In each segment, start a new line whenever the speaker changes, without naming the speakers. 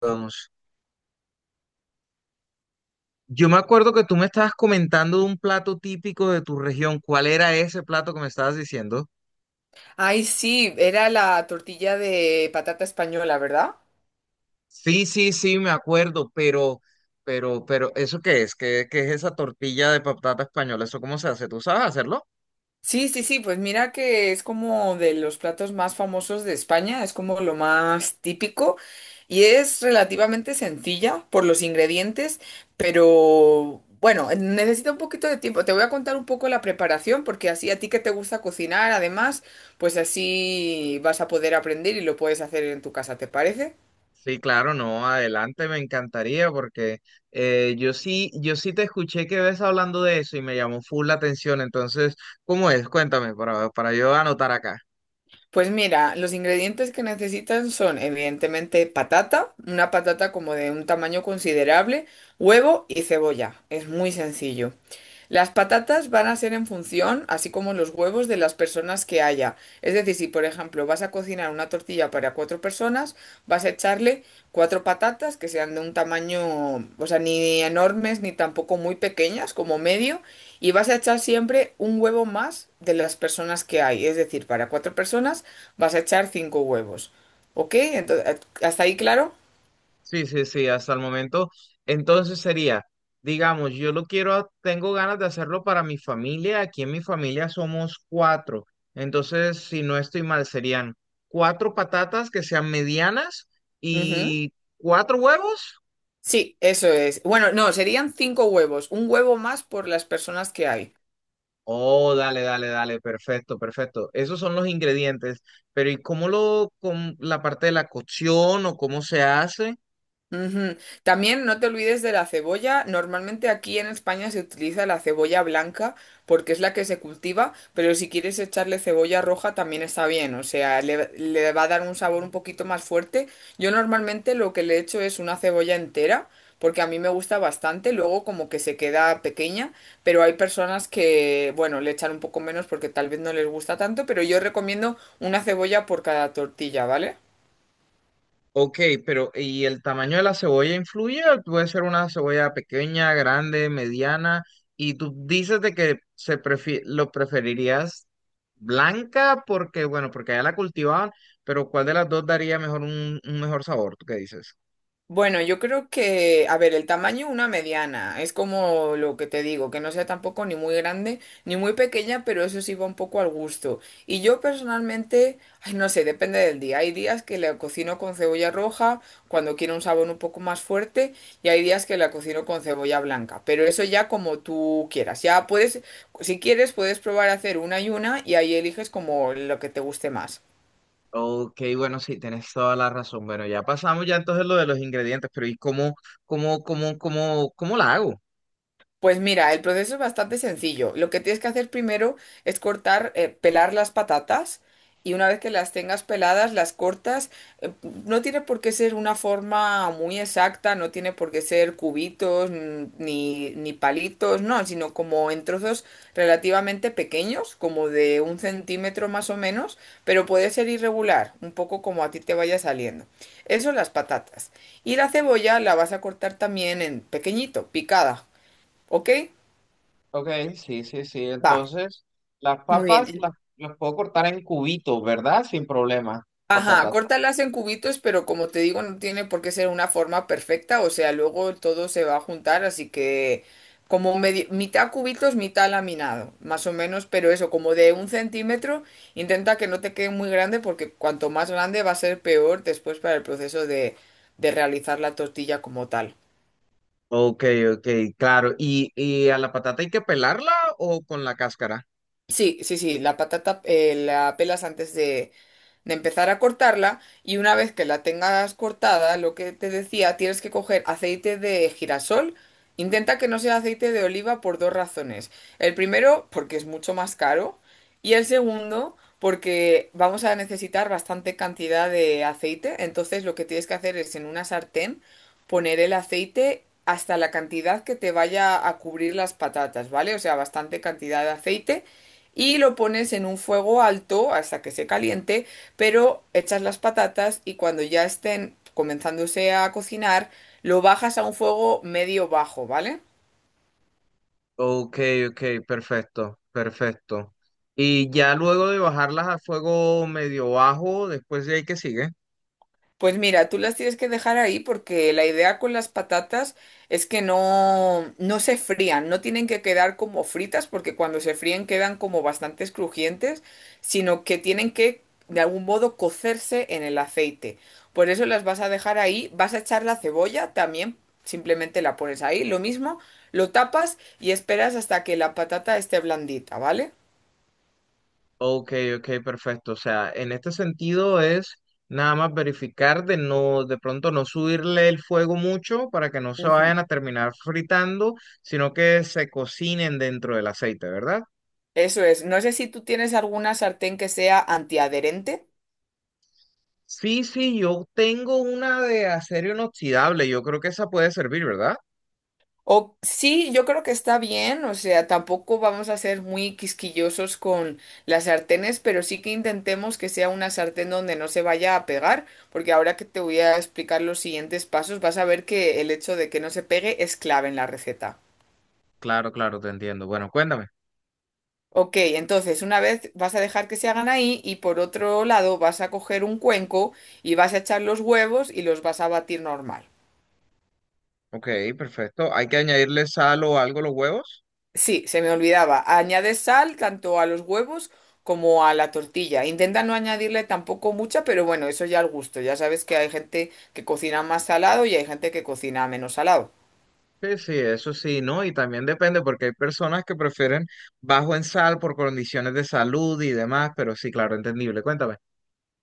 Vamos. Yo me acuerdo que tú me estabas comentando de un plato típico de tu región. ¿Cuál era ese plato que me estabas diciendo?
Ay, sí, era la tortilla de patata española, ¿verdad?
Sí, sí, sí, me acuerdo, pero, ¿eso qué es? ¿Qué es esa tortilla de patata española? ¿Eso cómo se hace? ¿Tú sabes hacerlo?
Sí, sí, sí, pues mira que es como de los platos más famosos de España, es como lo más típico y es relativamente sencilla por los ingredientes, pero bueno, necesita un poquito de tiempo. Te voy a contar un poco la preparación porque así a ti que te gusta cocinar, además, pues así vas a poder aprender y lo puedes hacer en tu casa, ¿te parece?
Sí, claro, no, adelante, me encantaría porque yo sí te escuché que ves hablando de eso y me llamó full la atención. Entonces, ¿cómo es? Cuéntame para yo anotar acá.
Pues mira, los ingredientes que necesitan son evidentemente patata, una patata como de un tamaño considerable, huevo y cebolla. Es muy sencillo. Las patatas van a ser en función, así como los huevos, de las personas que haya. Es decir, si por ejemplo vas a cocinar una tortilla para cuatro personas, vas a echarle cuatro patatas que sean de un tamaño, o sea, ni enormes ni tampoco muy pequeñas, como medio, y vas a echar siempre un huevo más de las personas que hay. Es decir, para cuatro personas vas a echar cinco huevos. ¿Ok? Entonces, ¿hasta ahí claro?
Sí, sí, sí, hasta el momento. Entonces sería, digamos, yo lo quiero, tengo ganas de hacerlo para mi familia. Aquí en mi familia somos cuatro. Entonces, si no estoy mal, serían cuatro patatas que sean medianas
Ujú.
y cuatro huevos.
Sí, eso es. Bueno, no, serían cinco huevos. Un huevo más por las personas que hay.
Oh, dale, dale, dale, perfecto, perfecto. Esos son los ingredientes. Pero ¿y cómo lo, con la parte de la cocción o cómo se hace?
Ujú. También no te olvides de la cebolla. Normalmente aquí en España se utiliza la cebolla blanca porque es la que se cultiva, pero si quieres echarle cebolla roja también está bien, o sea, le va a dar un sabor un poquito más fuerte. Yo normalmente lo que le echo es una cebolla entera porque a mí me gusta bastante, luego como que se queda pequeña, pero hay personas que, bueno, le echan un poco menos porque tal vez no les gusta tanto, pero yo recomiendo una cebolla por cada tortilla, ¿vale?
Ok, pero ¿y el tamaño de la cebolla influye? Puede ser una cebolla pequeña, grande, mediana, y tú dices de que se prefi- lo preferirías blanca porque, bueno, porque allá la cultivaban, pero ¿cuál de las dos daría mejor un mejor sabor? ¿Tú qué dices?
Bueno, yo creo que, a ver, el tamaño una mediana, es como lo que te digo, que no sea tampoco ni muy grande ni muy pequeña, pero eso sí va un poco al gusto. Y yo personalmente, ay, no sé, depende del día. Hay días que la cocino con cebolla roja cuando quiero un sabor un poco más fuerte y hay días que la cocino con cebolla blanca, pero eso ya como tú quieras. Ya puedes, si quieres, puedes probar a hacer una y ahí eliges como lo que te guste más.
Ok, bueno, sí, tienes toda la razón. Bueno, ya pasamos ya entonces lo de los ingredientes, pero ¿y cómo la hago?
Pues mira, el proceso es bastante sencillo. Lo que tienes que hacer primero es cortar, pelar las patatas y una vez que las tengas peladas, las cortas. eh, no tiene por qué ser una forma muy exacta, no tiene por qué ser cubitos, ni palitos, no, sino como en trozos relativamente pequeños, como de 1 centímetro más o menos, pero puede ser irregular, un poco como a ti te vaya saliendo. Eso las patatas. Y la cebolla la vas a cortar también en pequeñito, picada. ¿Ok?
Ok, sí, sí, sí.
Va,
Entonces, las
muy
papas
bien.
las puedo cortar en cubitos, ¿verdad? Sin problema.
Ajá,
Patatas.
córtalas en cubitos, pero como te digo, no tiene por qué ser una forma perfecta, o sea, luego todo se va a juntar, así que como mitad cubitos, mitad laminado, más o menos, pero eso, como de 1 centímetro, intenta que no te quede muy grande, porque cuanto más grande va a ser peor después para el proceso de realizar la tortilla como tal.
Ok, ok, claro. Y a la patata hay que pelarla o con la cáscara?
Sí, sí, sí, la patata la pelas antes de empezar a cortarla y una vez que la tengas cortada, lo que te decía, tienes que coger aceite de girasol. Intenta que no sea aceite de oliva por dos razones. El primero, porque es mucho más caro y el segundo, porque vamos a necesitar bastante cantidad de aceite. Entonces lo que tienes que hacer es en una sartén poner el aceite hasta la cantidad que te vaya a cubrir las patatas, ¿vale? O sea, bastante cantidad de aceite y lo pones en un fuego alto hasta que se caliente, pero echas las patatas y cuando ya estén comenzándose a cocinar, lo bajas a un fuego medio bajo, ¿vale?
Ok, ok, perfecto, perfecto. Y ya luego de bajarlas a fuego medio bajo, después de ahí que sigue.
Pues mira, tú las tienes que dejar ahí porque la idea con las patatas es que no, no se frían, no tienen que quedar como fritas porque cuando se fríen quedan como bastante crujientes, sino que tienen que de algún modo cocerse en el aceite. Por eso las vas a dejar ahí, vas a echar la cebolla también, simplemente la pones ahí, lo mismo, lo tapas y esperas hasta que la patata esté blandita, ¿vale?
Ok, ok, perfecto. O sea, en este sentido es nada más verificar de no, de pronto no subirle el fuego mucho para que no se
Ujú.
vayan a terminar fritando, sino que se cocinen dentro del aceite, ¿verdad?
Eso es, no sé si tú tienes alguna sartén que sea antiadherente.
Sí, sí, yo tengo una de acero inoxidable. Yo creo que esa puede servir, ¿verdad?
O, sí, yo creo que está bien, o sea, tampoco vamos a ser muy quisquillosos con las sartenes, pero sí que intentemos que sea una sartén donde no se vaya a pegar, porque ahora que te voy a explicar los siguientes pasos, vas a ver que el hecho de que no se pegue es clave en la receta.
Claro, claro, te entiendo. Bueno, cuéntame.
Ok, entonces una vez vas a dejar que se hagan ahí y por otro lado vas a coger un cuenco y vas a echar los huevos y los vas a batir normal.
Ok, perfecto. ¿Hay que añadirle sal o algo a los huevos?
Sí, se me olvidaba. Añade sal tanto a los huevos como a la tortilla. Intenta no añadirle tampoco mucha, pero bueno, eso ya al gusto. Ya sabes que hay gente que cocina más salado y hay gente que cocina menos salado.
Sí, sí, eso sí, ¿no? Y también depende porque hay personas que prefieren bajo en sal por condiciones de salud y demás, pero sí, claro, entendible. Cuéntame.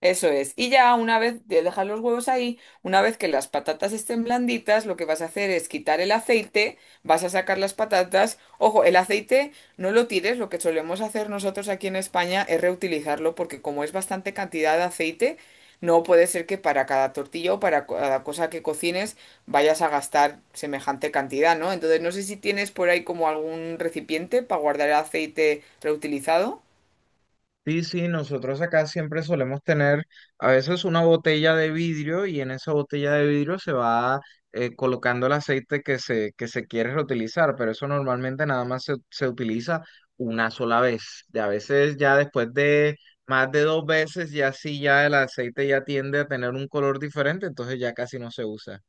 Eso es. Y ya una vez de dejar los huevos ahí, una vez que las patatas estén blanditas, lo que vas a hacer es quitar el aceite, vas a sacar las patatas. Ojo, el aceite no lo tires, lo que solemos hacer nosotros aquí en España es reutilizarlo porque como es bastante cantidad de aceite, no puede ser que para cada tortilla o para cada cosa que cocines vayas a gastar semejante cantidad, ¿no? Entonces no sé si tienes por ahí como algún recipiente para guardar el aceite reutilizado.
Sí, sí, nosotros acá siempre solemos tener a veces una botella de vidrio y en esa botella de vidrio se va colocando el aceite que se quiere reutilizar, pero eso normalmente nada más se utiliza una sola vez. Y a veces ya después de más de dos veces ya sí, ya el aceite ya tiende a tener un color diferente, entonces ya casi no se usa.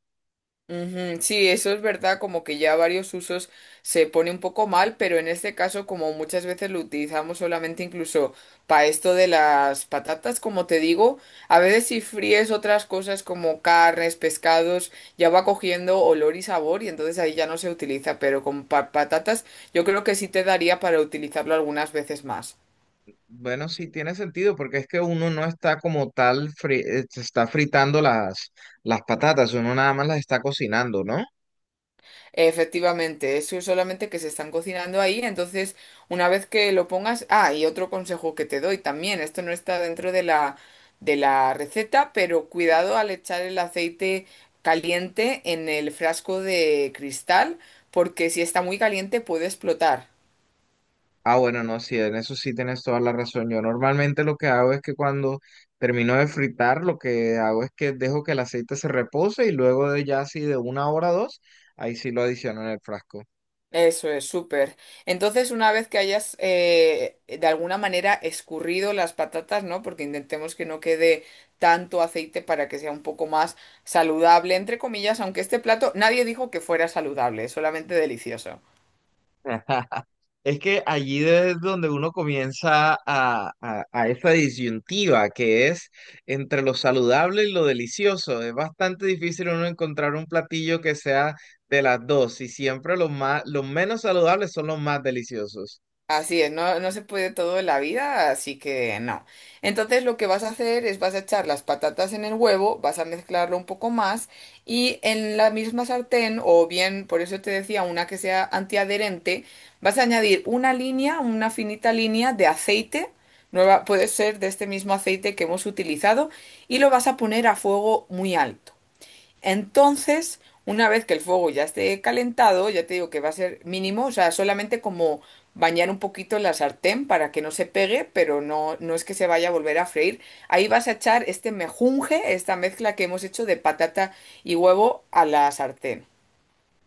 Ujú, sí, eso es verdad, como que ya varios usos se pone un poco mal, pero en este caso, como muchas veces lo utilizamos solamente incluso para esto de las patatas, como te digo, a veces si fríes otras cosas como carnes, pescados, ya va cogiendo olor y sabor y entonces ahí ya no se utiliza, pero con patatas yo creo que sí te daría para utilizarlo algunas veces más.
Bueno, sí tiene sentido, porque es que uno no está como tal, se está fritando las patatas, uno nada más las está cocinando, ¿no?
Efectivamente, eso es solamente que se están cocinando ahí, entonces una vez que lo pongas, ah, y otro consejo que te doy también, esto no está dentro de la receta, pero cuidado al echar el aceite caliente en el frasco de cristal, porque si está muy caliente puede explotar.
Ah, bueno, no, sí, en eso sí tienes toda la razón. Yo normalmente lo que hago es que cuando termino de fritar, lo que hago es que dejo que el aceite se repose y luego de ya así de una hora o dos, ahí sí lo adiciono en el frasco.
Eso es, súper. Entonces, una vez que hayas de alguna manera escurrido las patatas, ¿no? Porque intentemos que no quede tanto aceite para que sea un poco más saludable, entre comillas, aunque este plato nadie dijo que fuera saludable, es solamente delicioso.
Es que allí es donde uno comienza a esa disyuntiva que es entre lo saludable y lo delicioso. Es bastante difícil uno encontrar un platillo que sea de las dos y siempre los más, los menos saludables son los más deliciosos.
Así es, no, no se puede todo en la vida, así que no. Entonces lo que vas a hacer es vas a echar las patatas en el huevo, vas a mezclarlo un poco más y en la misma sartén, o bien, por eso te decía, una que sea antiadherente, vas a añadir una línea, una finita línea de aceite, nueva, puede ser de este mismo aceite que hemos utilizado, y lo vas a poner a fuego muy alto. Entonces, una vez que el fuego ya esté calentado, ya te digo que va a ser mínimo, o sea, solamente como bañar un poquito la sartén para que no se pegue, pero no, no es que se vaya a volver a freír. Ahí vas a echar este mejunje, esta mezcla que hemos hecho de patata y huevo a la sartén.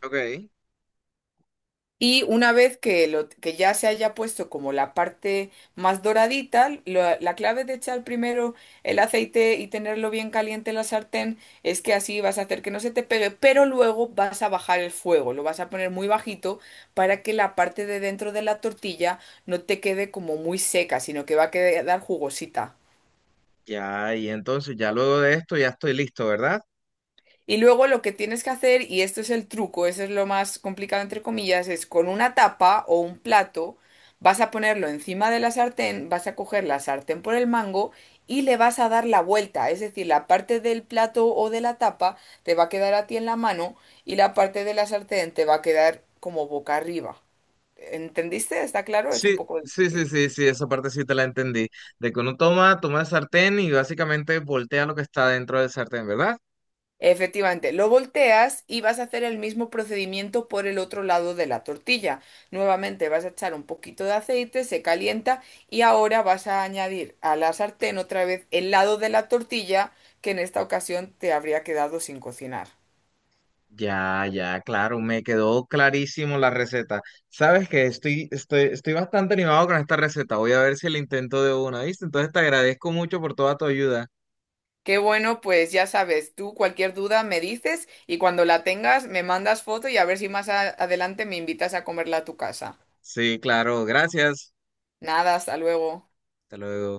Ok.
Y una vez que, que ya se haya puesto como la parte más doradita, la clave de echar primero el aceite y tenerlo bien caliente en la sartén es que así vas a hacer que no se te pegue, pero luego vas a bajar el fuego, lo vas a poner muy bajito para que la parte de dentro de la tortilla no te quede como muy seca, sino que va a quedar jugosita.
Ya, y entonces ya luego de esto ya estoy listo, ¿verdad?
Y luego lo que tienes que hacer, y esto es el truco, eso es lo más complicado entre comillas, es con una tapa o un plato, vas a ponerlo encima de la sartén, vas a coger la sartén por el mango y le vas a dar la vuelta, es decir, la parte del plato o de la tapa te va a quedar a ti en la mano y la parte de la sartén te va a quedar como boca arriba. ¿Entendiste? ¿Está claro? Es un
Sí,
poco
sí, sí,
difícil.
sí, sí, esa parte sí te la entendí. De que uno toma, toma el sartén y básicamente voltea lo que está dentro del sartén, ¿verdad?
Efectivamente, lo volteas y vas a hacer el mismo procedimiento por el otro lado de la tortilla. Nuevamente vas a echar un poquito de aceite, se calienta y ahora vas a añadir a la sartén otra vez el lado de la tortilla que en esta ocasión te habría quedado sin cocinar.
Ya, ya, claro, me quedó clarísimo la receta. Sabes que estoy bastante animado con esta receta. Voy a ver si la intento de una, ¿viste? Entonces te agradezco mucho por toda tu ayuda.
Qué bueno, pues ya sabes, tú cualquier duda me dices y cuando la tengas me mandas foto y a ver si más adelante me invitas a comerla a tu casa.
Sí, claro, gracias.
Nada, hasta luego.
Hasta luego.